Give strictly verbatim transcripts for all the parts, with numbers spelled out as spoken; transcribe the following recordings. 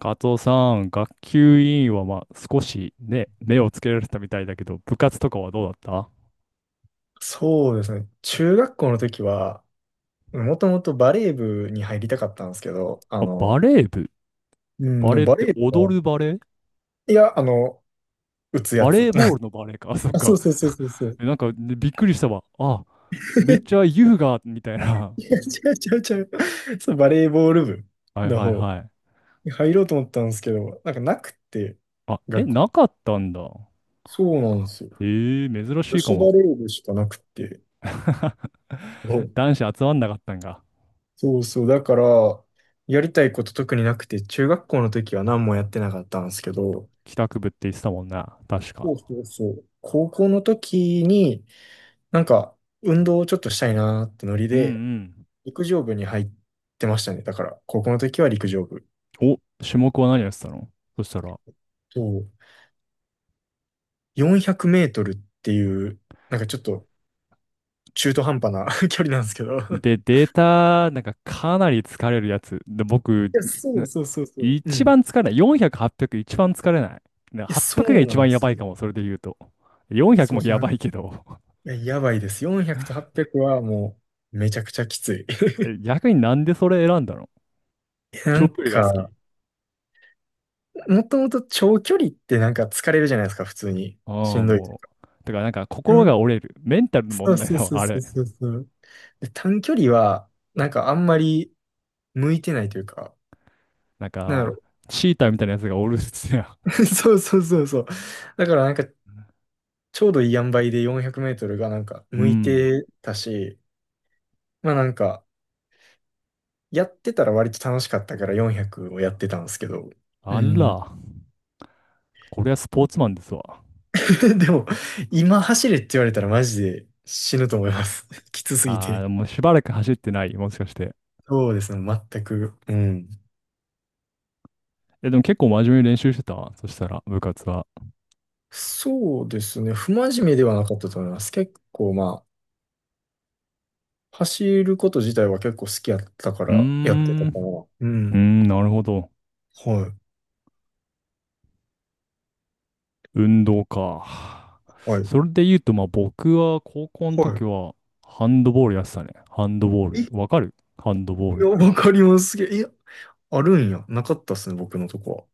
カツオさん、学級委員はまあ少しね、目をつけられてたみたいだけど、部活とかはどうだった？そうですね。中学校の時は、もともとバレー部に入りたかったんですけど、ああ、バの、レー部。うん、バでもレーっバレてー部踊が、るバレー？いや、あの、打つやバつ。レーボー ルのバレーか。あ、そっあ、そか。うそうそうそうそ う。えなんか、ねびっくりしたわ。あ、めっちゃ 優雅みたいな。い や、違う違う違う。そう、バレーボール部はいのはい方はい。に入ろうと思ったんですけど、なんかなくって、あ、え、学校。なかったんだ。そうなんですよ。えー、珍し女いか子バも。レー部しかなくて。そう男子集まんなかったんが。そうそう。だから、やりたいこと特になくて、中学校の時は何もやってなかったんですけど、帰宅部って言ってたもんな。確か。そうそうそう。高校の時に、なんか、運動をちょっとしたいなーってノリうで、ん陸上部に入ってましたね。だから、高校の時は陸上部。うん。お、種目は何やってたの、そしたら？そう。よんひゃくメートルっていう、なんかちょっと中途半端な 距離なんですけど。いで、データ、なんかかなり疲れるやつ。で、僕、や、そなうそうそうそう。う一ん。い番疲れない。よんひゃく、はっぴゃく一番疲れない。なや、そはっぴゃくがう一なん番でやばすいよ。かも、それで言うと。よんひゃくそうもそやう。ばいけど。いや、やばいです。よんひゃくとはっぴゃくはもう、めちゃくちゃきつい。え逆になんでそれ選んだの？ な長ん距離が好き？か、もともと長距離ってなんか疲れるじゃないですか、普通に。あしあ、んどい。もう。だからなんか心が折れる。メンタルのそ問う題そうだそうわ、あそれ。うそうそう。で、短距離は、なんかあんまり向いてないというか、なんなんだろか、う。チーターみたいなやつがおるっすや そうそうそうそう。だからなんか、ちょうどいい塩梅でよんひゃくメートルがなんかん。う向いん。てたし、まあなんか、やってたら割と楽しかったからよんひゃくをやってたんですけど、うあん。ら、これはスポーツマンですわ。でも、今走れって言われたらマジで死ぬと思います。きつすぎあて。あ、もうしばらく走ってない、もしかして？そうですね、全く。うん。え、でも結構真面目に練習してたそしたら、部活は？そうですね、不真面目ではなかったと思います。結構まあ、走ること自体は結構好きやったかうーらやってたん。かな。ううーん。ん、なるほど。はい。運動か。はい。それで言うと、まあ僕は高校のは時はハンドボールやってたね。ハンドボーい。え、ル。いわかるハンドボールっや、て？わかります。すげえ。いや、あるんや。なかったっすね、僕のとこ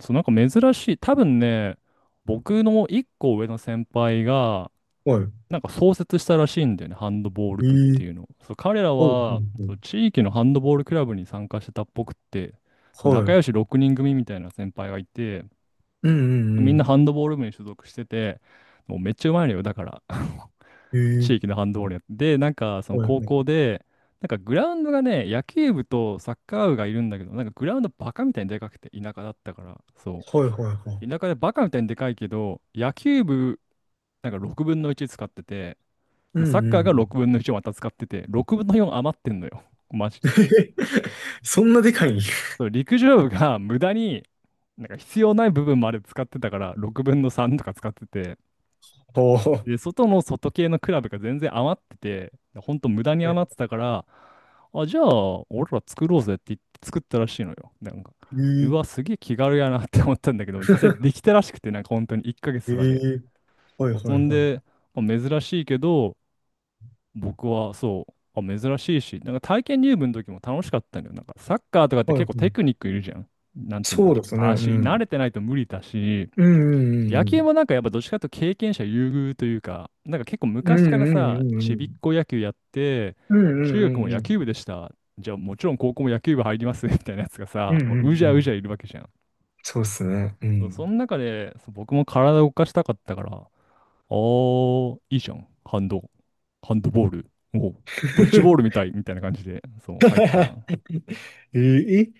そう、なんか珍しい。多分ね、僕の一個上の先輩が、は。はなんか創設したらしいんだよね、ハンドボールい。え部ってー、いうのを。そう、彼らはい、はい、はそはう地域のハンドボールクラブに参加してたっぽくって、そい。う、は仲い。良しろくにん組みたいな先輩がいて、うんうみんなんハンドボール部に所属してて、もうめっちゃうまいのよ、だから、うん。え地ー、域のハンドボールやって。で、なんかそのはい、高はい。校で、なんかグラウンドがね、野球部とサッカー部がいるんだけど、なんかグラウンドバカみたいにでかくて、田舎だったから、そはい、はい、はい。う。田舎でバカみたいにでかいけど、野球部、なんかろくぶんのいち使ってて、うんサッうカーんうがん。ろくぶんのいちをまた使ってて、ろくぶんのよん余ってんのよ。マジで。そんなでかいんや。そう、陸上部が無駄に、なんか必要ない部分まで使ってたから、ろくぶんのさんとか使ってて、おー。で、外の外系のクラブが全然余ってて、ほんと無駄には余っい。てたから、あ、じゃあ、俺ら作ろうぜって言って作ったらしいのよ。なんか、えうー、わ、すげえ気軽やなって思ったんだけど、実際でき たらしくて、なんか本当に1ヶえ月とかで。ー、はい、そうはそい、んはい。で、まあ珍しいけど、僕はそう、あ、珍しいし、なんか体験入部の時も楽しかったんだよ。なんかサッカーとかってはい、結は構テクい。ニックいるじゃん。なんて言うんだそうろでう。すね。う足、慣ん。れてないと無理だし、うんう野球んもなんかやっぱどっちかというと経験者優遇というか、なんか結構う昔んうからん。うんうさ、んうんうちびっん。こ野球やって、うんう中ん学うもんう野ん。球部でした。じゃあもちろん高校も野球部入ります みたいなやつがうさ、んもうううじんうゃうじゃん。いるわけじゃん。そうっすね。うそうそのん。中でそう僕も体を動かしたかったから、あー、いいじゃん。ハンド、ハンドボール。おうドッジボールみた いみたいな感じで、そう、入った。ええ、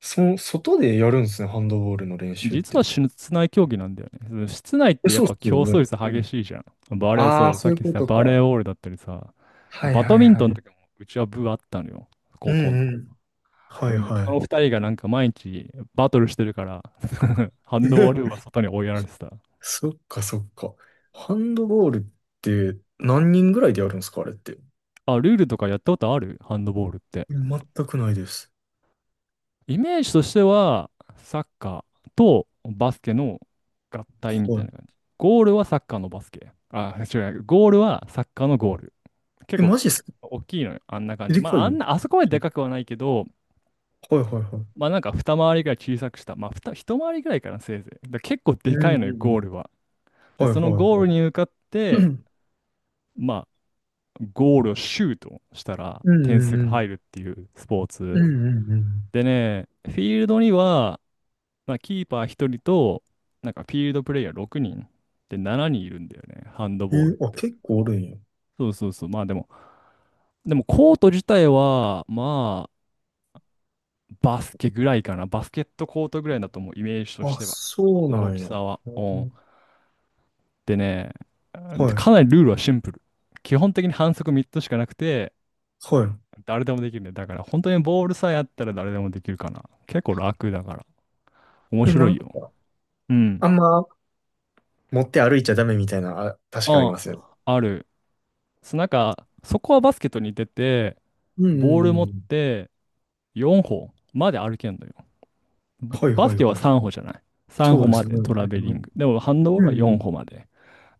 そ、外でやるんですね、ハンドボールの練習っ実はて。室内競技なんだよね。その室内っえ、てやっそうっぱすよ競ね。争率う激ん。しいじゃん。バレー、あそあ、う、そさっういうきこさ、とバレーか。ボールだったりさ、はいバはドいミンはトンとい。かもうちは部あったのよ。う高校の。んうん。ではいもそのはふたりがなんか毎日バトルしてるから ハい。ンドボールは 外に追いやられてた。そっかそっか。ハンドボールって何人ぐらいでやるんですか、あれって？あ、ルールとかやったことあるハンドボールって？全くないです。イメージとしては、サッカーとバスケの合体みたはいい。な感じ。ゴールはサッカーのバスケ。あ、違う、ゴールはサッカーのゴール。結え、構マジっすか？大きいのよ、あんな感じ。でまかあ、い、あはんな、あそこまででかくはないけど、いはいはい。まあなんかふたまわりぐらい小さくした。まあ、二一回りぐらいかな、せいぜい。だから結構うでかんいうんのうよ、ゴーん。ルは。で、はいそのはいゴーはルにい。向かって、まあ、ゴールをシュートしたらうんう点ん数うがん。入るっていうスポーうんツ。うんうん。でね、フィールドには、まあ、キーパーひとりと、なんかフィールドプレイヤーろくにんでななにんいるんだよね、ハンドえボールっーあ、て。結構おるんや。そうそうそう、まあでも、でもコート自体は、まあ、バスケぐらいかな、バスケットコートぐらいだと思う、イメージとしあ、ては。そうな大んきや。さは。ううん。ん、でね、ではい。かなりルールはシンプル。基本的に反則みっつしかなくて、は誰でもできるね。だから本当にボールさえあったら誰でもできるかな。結構楽だから。面い。え、な白いんか、よ。うん。あんま持って歩いちゃダメみたいな、あ、確かありあますよね。ある。そうなんか、そこはバスケットに出て、うんうんボール持っうん。てよん歩まで歩けんのよ。ぼはいバスはいケははい。さん歩じゃない。さんそ歩うでますでね。うトラベリンんグ。でもハンドボーうルはんうよん歩ん。まで。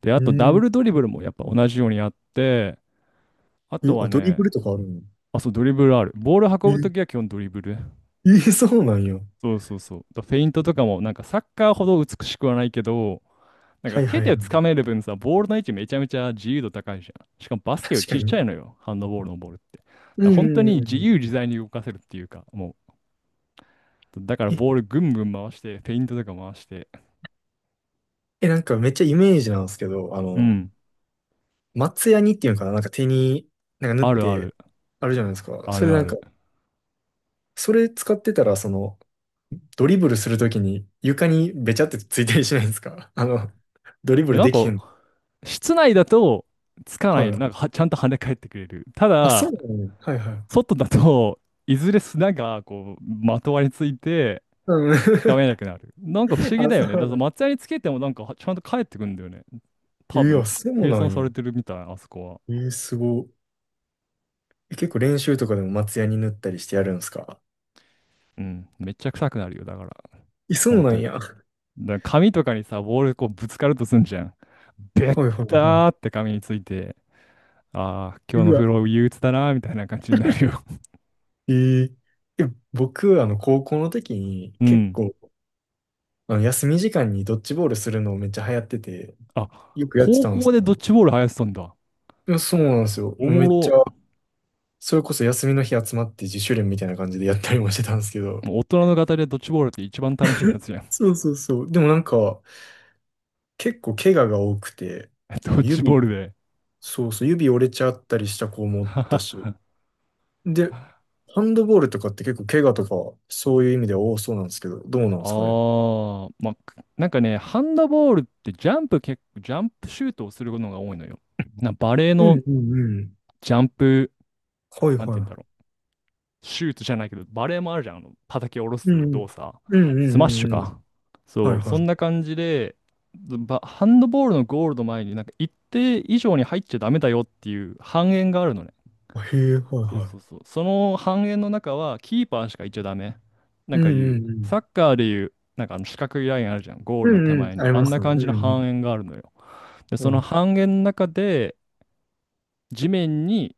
で、あうとダブん。ルドリブルもやっぱ同じようにやって、あえ、とはあ、ドリね、ブルとかあるんあ、そう、ドリブルある。ボール運ぶときはや。基本ドリブル。え、え、そうなんや。そうそうそう。だフェイントとかもなんかサッカーほど美しくはないけど、なんはかいは手いはでい。掴める分さ、ボールの位置めちゃめちゃ自由度高いじゃん。しかもバスケよ確りかちっちに。ゃいのよ、ハンドボールのボールって。だかうらん本当うにんう自ん。由自在に動かせるっていうか、もう、だからえ、ボールぐんぐん回して、フェイントとか回して。え、なんかめっちゃイメージなんですけど、あうの、ん。松ヤニっていうのかな、なんか手に、なんか縫っあるあて、る、あるじゃないですか。あそれるであなんか、る。それ使ってたら、その、ドリブルするときに床にべちゃってついたりしないですか？ あの、ドリブえルなんでか、きへん。室内だと、つかない、はい。なんかはちゃんと跳ね返ってくれる。たあ、そうだ、なの、ねはいはい。外だといずれ砂がこうまとわりついてうん。がめなく なる。なんか不思議あ、だそようね。だなからの。松屋につけてもなんかちゃんと帰ってくんだよね。い多や、分、そう計な算んされよ。てるみたい、あそこは。えー、すごい。え、結構練習とかでも松ヤに塗ったりしてやるんですか？うん。めっちゃ臭くなるよ、だから。え、そう本な当んに。や。はだから紙とかにさ、ボールこうぶつかるとすんじゃん。べっいはいはい。たーって紙について、ああ、今日のう風わ。呂憂鬱だなーみたいな感じになるよ。えー、え僕、あの、高校の時に う結ん。構、あの休み時間にドッジボールするのめっちゃ流行ってて、あ、よくやって高たんです校でけど。ドッいジボール流行ってたんだ。や、そうなんですよ。おもうもめっちゃ、ろ。それこそ休みの日集まって自主練みたいな感じでやったりもしてたんですけど。もう大人の方でドッジボールって一番楽しいやつじゃん。そうそうそう。でもなんか、結構怪我が多くて、ドあの、ッジボー指、ルで。そうそう、指折れちゃったりした子もおったし。で、ハンドボールとかって結構怪我とか、そういう意味では多そうなんですけど、どうなんですかね？ああ、まあ、くなんかね、ハンドボールってジャンプ結構、ジャンプシュートをするのが多いのよ。な、バレーうのんうんうん。ジャンプ、はいなんて言うんだはろう。シュートじゃないけど、バレーもあるじゃん。あの、叩き下ろい。うんすう動ん。作。うんうスマッんうシュんうん。か。はそいう、そはい。んな感じで、ばハンドボールのゴールの前に、なんか一定以上に入っちゃダメだよっていう半円があるのね。へえ、はいそうはそうそい。う。その半円の中はキーパーしかいちゃダメ。なうんんかいう、うんうサん。ッカーでいう、なんかあの四角いラインあるじゃん。ゴーうルのん手うん。前に。ありあまんなすね。感うじのんうん。半円があるのよ。で、うそのん。半円の中で地面に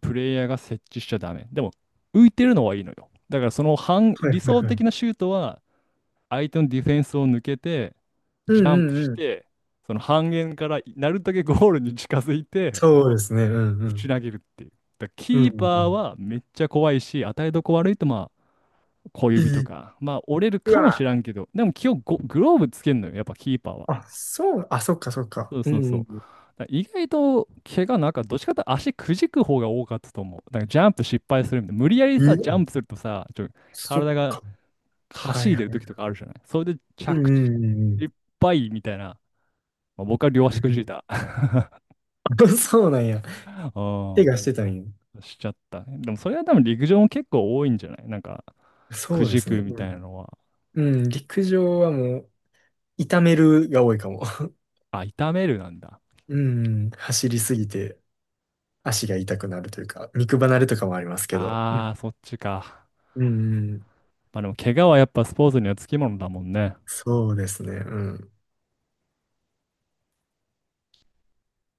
プレイヤーが設置しちゃダメ。でも浮いてるのはいいのよ。だからその半、はいは理想いは的い。なシュートは相手のディフェンスを抜けて、うんジャンプうんしうん。て、その半円からなるだけゴールに近づいて、そうですね。うんうぶちん。投げるっていう。だからうんキうーパーんはめっちゃ怖いし、与えどこ悪いとまあ小う指ん。いとい。か、まあ折れるうかもしわ。らんけど、でも基本ゴグローブつけんのよ、やっぱキーパーは。あ、そう、あ、そっかそっそか。ううそうんそうう。だかんら意外と怪我なんかどっちかというと足くじく方が多かったと思う。だからジャンプ失敗するみたいな。無理やりさ、うん。うジャンお、プするとさ、ちょ、そっ体がか。かはいしいはでる時とい。かあるじゃない。それでうんう着地んうんういん。っぱいみたいな。まあ、僕は両足くじいた。あ、そうなんや。手がしうてたんや。ん。しちゃったね。でもそれは多分陸上も結構多いんじゃないなんか、そくうでじすね。くみうたいなん。のは、うん、陸上はもう、痛めるが多いかも。あ、痛めるなんだ。うん、走りすぎて足が痛くなるというか、肉離れとかもありますけど。うん、ああ、そっちか。うん、まあでも、怪我はやっぱスポーツにはつきものだもんね。そうですね。うん。